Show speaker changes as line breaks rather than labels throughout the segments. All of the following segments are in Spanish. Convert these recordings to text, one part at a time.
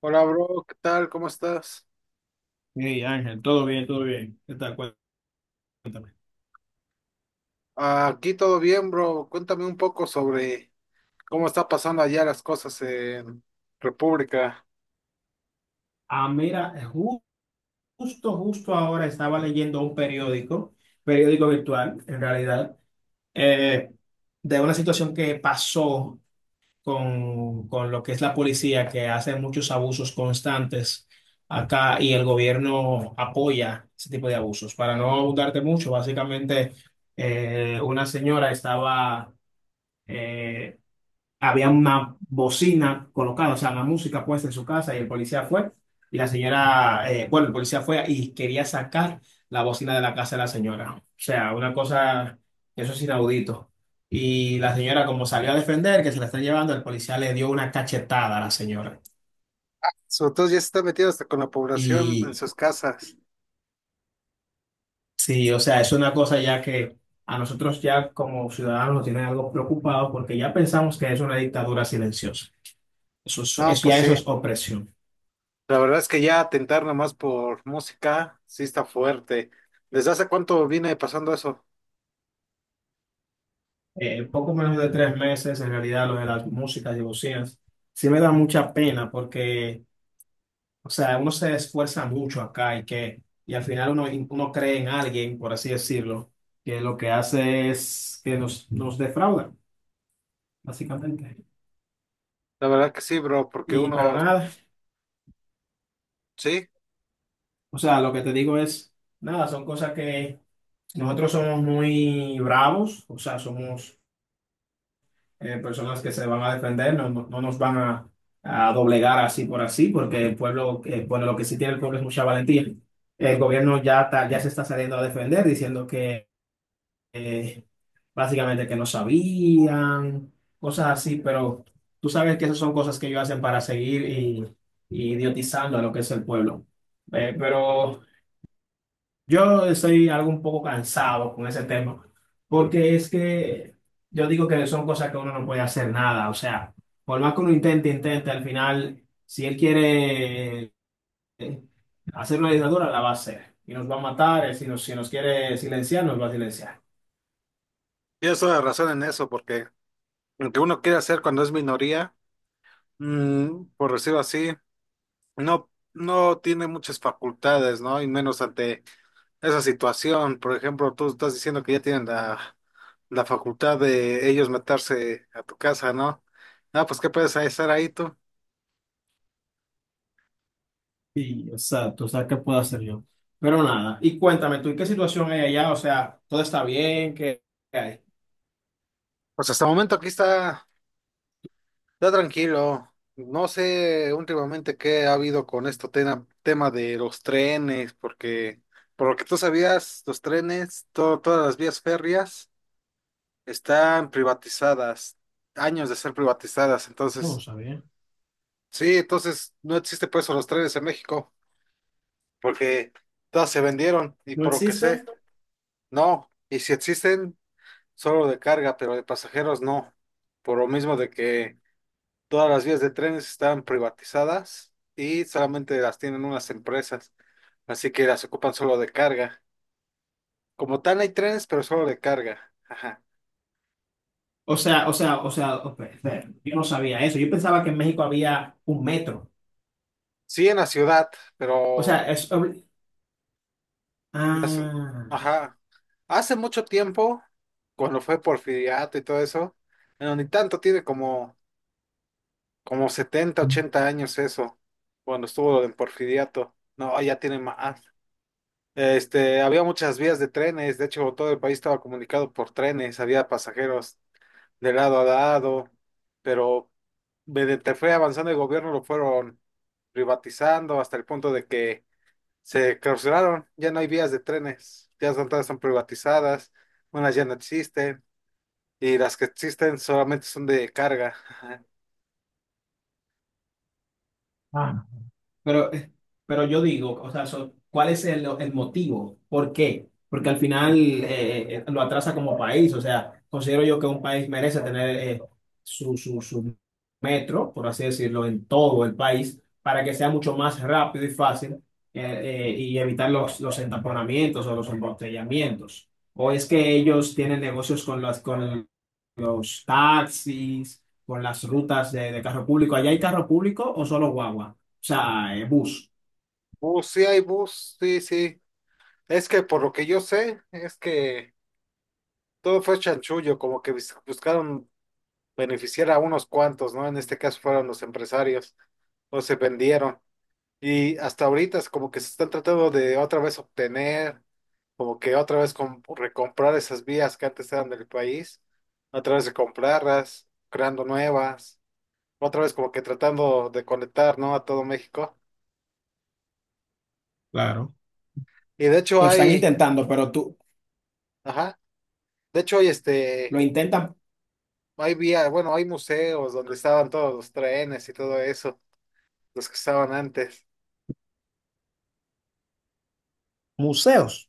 Hola, bro, ¿qué tal? ¿Cómo estás?
Hey Ángel, todo bien, todo bien. ¿Qué tal? Cuéntame.
Aquí todo bien, bro. Cuéntame un poco sobre cómo está pasando allá las cosas en República.
Ah, mira, justo, justo ahora estaba leyendo un periódico, periódico virtual, en realidad, eh, de una situación que pasó con lo que es la policía, que hace muchos abusos constantes acá y el gobierno apoya ese tipo de abusos. Para no abundarte mucho, básicamente, una señora estaba... eh, había una bocina colocada, o sea, la música puesta en su casa y el policía fue y la señora, bueno, el policía fue y quería sacar la bocina de la casa de la señora. O sea, una cosa, eso es inaudito. Y la señora, como salió a defender, que se la están llevando, el policía le dio una cachetada a la señora.
Sobre todo ya se está metido hasta con la población en
Y
sus casas.
sí, o sea, es una cosa ya que a nosotros ya como ciudadanos nos tiene algo preocupado porque ya pensamos que es una dictadura silenciosa. Eso es,
No, pues
ya eso
sí.
es opresión.
La verdad es que ya atentar nomás por música sí está fuerte. ¿Desde hace cuánto viene pasando eso?
Poco menos de 3 meses, en realidad, lo de las músicas y bocinas, sí me da mucha pena porque, o sea, uno se esfuerza mucho acá y que, y al final uno cree en alguien, por así decirlo, que lo que hace es que nos defrauda, básicamente.
La verdad que sí, bro, porque
Y, pero
uno,
nada,
sí,
o sea, lo que te digo es, nada, son cosas que nosotros somos muy bravos, o sea, somos personas que se van a defender, no, no nos van a doblegar así por así, porque el pueblo, bueno, lo que sí tiene el pueblo es mucha valentía. El gobierno ya, ya se está saliendo a defender, diciendo que eh, básicamente que no sabían, cosas así, pero tú sabes que esas son cosas que ellos hacen para seguir y idiotizando a lo que es el pueblo. Eh, pero... Yo estoy algo un poco cansado con ese tema, porque es que yo digo que son cosas que uno no puede hacer nada, o sea, por más que uno intente, al final, si él quiere eh, hacer una dictadura, la va a hacer, y nos va a matar, si nos quiere silenciar, nos va a silenciar.
tienes toda la razón en eso, porque aunque uno quiere hacer cuando es minoría, por decirlo así. No, no tiene muchas facultades, ¿no? Y menos ante esa situación. Por ejemplo, tú estás diciendo que ya tienen la facultad de ellos meterse a tu casa, ¿no? No, pues qué puedes estar ahí tú.
Sí, exacto. O sea, ¿qué puedo hacer yo? Pero nada, y cuéntame tú, ¿y qué situación hay allá? O sea, ¿todo está bien? ¿Qué, qué hay?
Pues hasta el momento aquí está tranquilo. No sé últimamente qué ha habido con esto tema de los trenes, porque por lo que tú sabías, los trenes, todas las vías férreas están privatizadas, años de ser privatizadas,
No,
entonces.
sabía.
Sí, entonces no existe por eso los trailers en México, porque todas se vendieron y
¿No
por lo que sé,
existe?
no. Y si existen, solo de carga, pero de pasajeros no. Por lo mismo de que todas las vías de trenes están privatizadas y solamente las tienen unas empresas, así que las ocupan solo de carga. Como tal hay trenes, pero solo de carga. Ajá.
Espera, yo no sabía eso. Yo pensaba que en México había un metro.
Sí en la ciudad,
O sea,
pero
es obli-
Las-
Ah,
ajá. Hace mucho tiempo, cuando fue Porfiriato y todo eso, bueno, ni tanto tiene como 70 80 años eso, cuando estuvo lo del Porfiriato. No, ya tiene más. Había muchas vías de trenes, de hecho todo el país estaba comunicado por trenes, había pasajeros de lado a lado, pero mediante fue avanzando el gobierno lo fueron privatizando hasta el punto de que se clausuraron, ya no hay vías de trenes, ya son, todas están privatizadas, unas ya no existen, y las que existen solamente son de carga. Ajá.
ah, pero, pero yo digo, o sea, ¿cuál es el motivo? ¿Por qué? Porque al final lo atrasa como país, o sea, considero yo que un país merece tener su, su, su metro, por así decirlo, en todo el país, para que sea mucho más rápido y fácil, y evitar los entaponamientos o los embotellamientos. ¿O es que ellos tienen negocios con las, con los taxis, con las rutas de carro público? ¿Allá hay carro público o solo guagua? O sea, bus.
Bus, sí hay bus, sí, sí. Es que por lo que yo sé, es que todo fue chanchullo, como que buscaron beneficiar a unos cuantos, ¿no? En este caso fueron los empresarios, o se vendieron. Y hasta ahorita es como que se están tratando de otra vez obtener. Como que otra vez recomprar esas vías que antes eran del país, otra vez comprarlas, creando nuevas, otra vez como que tratando de conectar, ¿no? A todo México.
Claro.
Y de hecho
Lo están
hay,
intentando, pero tú
ajá, de hecho hay
lo intentan
hay vía, bueno, hay museos donde estaban todos los trenes y todo eso, los que estaban antes.
museos.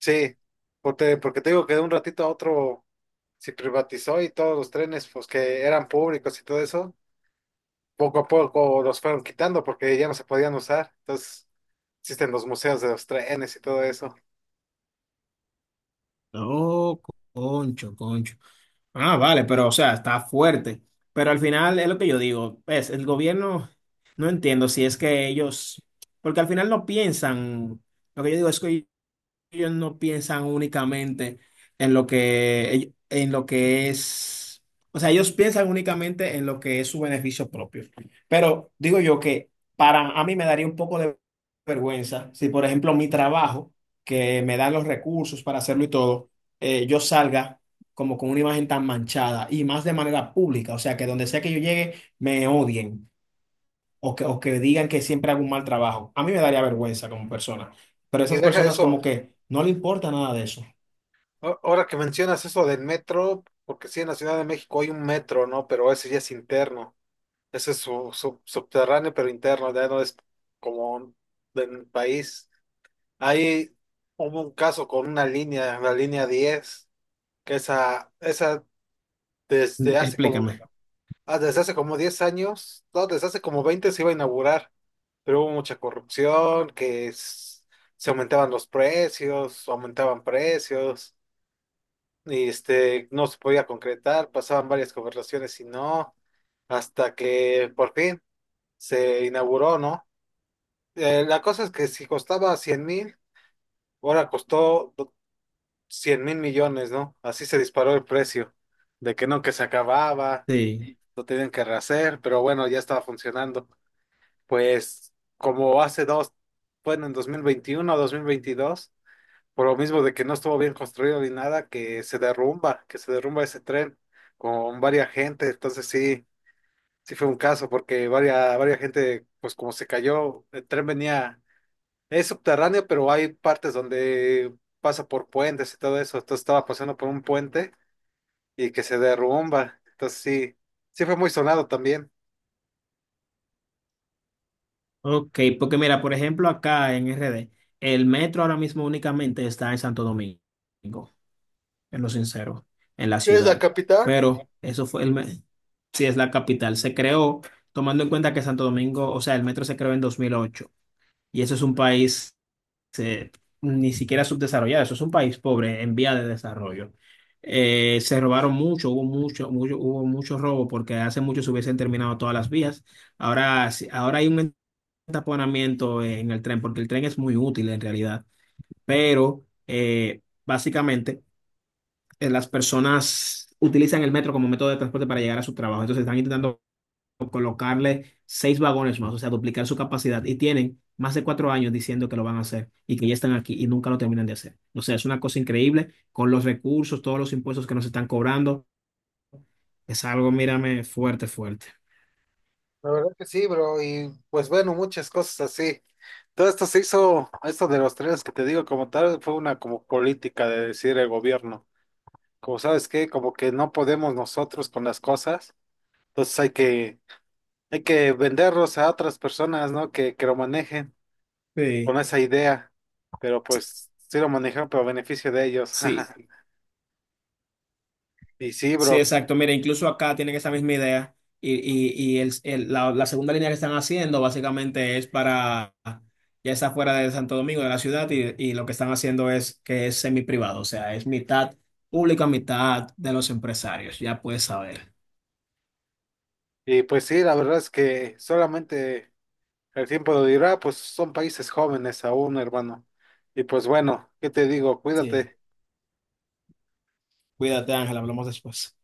Sí, porque te digo que de un ratito a otro se privatizó y todos los trenes, pues que eran públicos y todo eso, poco a poco los fueron quitando porque ya no se podían usar. Entonces existen los museos de los trenes y todo eso.
Oh, concho, concho. Ah, vale, pero o sea, está fuerte. Pero al final es lo que yo digo, es el gobierno, no entiendo si es que ellos, porque al final no piensan, lo que yo digo es que ellos no piensan únicamente en lo que, en lo que es, o sea, ellos piensan únicamente en lo que es su beneficio propio. Pero digo yo que para a mí me daría un poco de vergüenza si, por ejemplo, mi trabajo, que me dan los recursos para hacerlo y todo, yo salga como con una imagen tan manchada y más de manera pública, o sea, que donde sea que yo llegue, me odien o que digan que siempre hago un mal trabajo. A mí me daría vergüenza como persona, pero
Y
esas
deja
personas
eso.
como que no le importa nada de eso.
Ahora que mencionas eso del metro, porque sí, en la Ciudad de México hay un metro, ¿no? Pero ese ya es interno. Ese es subterráneo, pero interno, ya no es como del país. Ahí hubo un caso con una línea, la línea 10, que esa desde hace como,
Explícame.
ah, desde hace como 10 años, no, desde hace como 20 se iba a inaugurar, pero hubo mucha corrupción, que se aumentaban los precios, aumentaban precios, y no se podía concretar, pasaban varias conversaciones y no, hasta que por fin se inauguró, ¿no? La cosa es que si costaba 100.000, ahora costó 100 mil millones, ¿no? Así se disparó el precio, de que no, que se acababa,
Sí.
lo tenían que rehacer, pero bueno, ya estaba funcionando. Pues como hace dos, bueno, en 2021 o veintidós, por lo mismo de que no estuvo bien construido ni nada, que se derrumba ese tren con varias gente. Entonces sí, sí fue un caso porque varias gente, pues como se cayó, el tren venía, es subterráneo, pero hay partes donde pasa por puentes y todo eso. Entonces estaba pasando por un puente y que se derrumba. Entonces sí, sí fue muy sonado también.
Ok, porque mira, por ejemplo, acá en RD, el metro ahora mismo únicamente está en Santo Domingo, en lo sincero, en la
¿Qué es la
ciudad.
capital?
Pero eso fue sí es la capital. Se creó tomando en cuenta que Santo Domingo, o sea, el metro se creó en 2008 y eso es un país se- ni siquiera subdesarrollado. Eso es un país pobre en vía de desarrollo. Se robaron mucho, hubo mucho robo porque hace mucho se hubiesen terminado todas las vías. Ahora, ahora hay un entaponamiento en el tren porque el tren es muy útil en realidad, pero básicamente las personas utilizan el metro como método de transporte para llegar a su trabajo. Entonces están intentando colocarle 6 vagones más, o sea, duplicar su capacidad. Y tienen más de 4 años diciendo que lo van a hacer y que ya están aquí y nunca lo terminan de hacer. O sea, es una cosa increíble con los recursos, todos los impuestos que nos están cobrando. Es algo, mírame, fuerte, fuerte.
La verdad que sí, bro, y pues bueno, muchas cosas así. Todo esto se hizo, esto de los trenes que te digo como tal, fue una como política de decir el gobierno. Como sabes qué, como que no podemos nosotros con las cosas, entonces hay que venderlos a otras personas, ¿no? Que lo manejen con
Sí.
esa idea, pero pues sí lo manejan, pero a beneficio de ellos.
Sí,
Y sí,
sí,
bro,
exacto. Mira, incluso acá tienen esa misma idea y el, la, la segunda línea que están haciendo básicamente es para, ya está fuera de Santo Domingo, de la ciudad, y lo que están haciendo es que es semi-privado, o sea, es mitad pública, mitad de los empresarios, ya puedes saber.
y pues sí, la verdad es que solamente. El tiempo lo dirá, pues son países jóvenes aún, hermano. Y pues bueno, ¿qué te digo?
Sí,
Cuídate.
cuídate Ángel, hablamos después.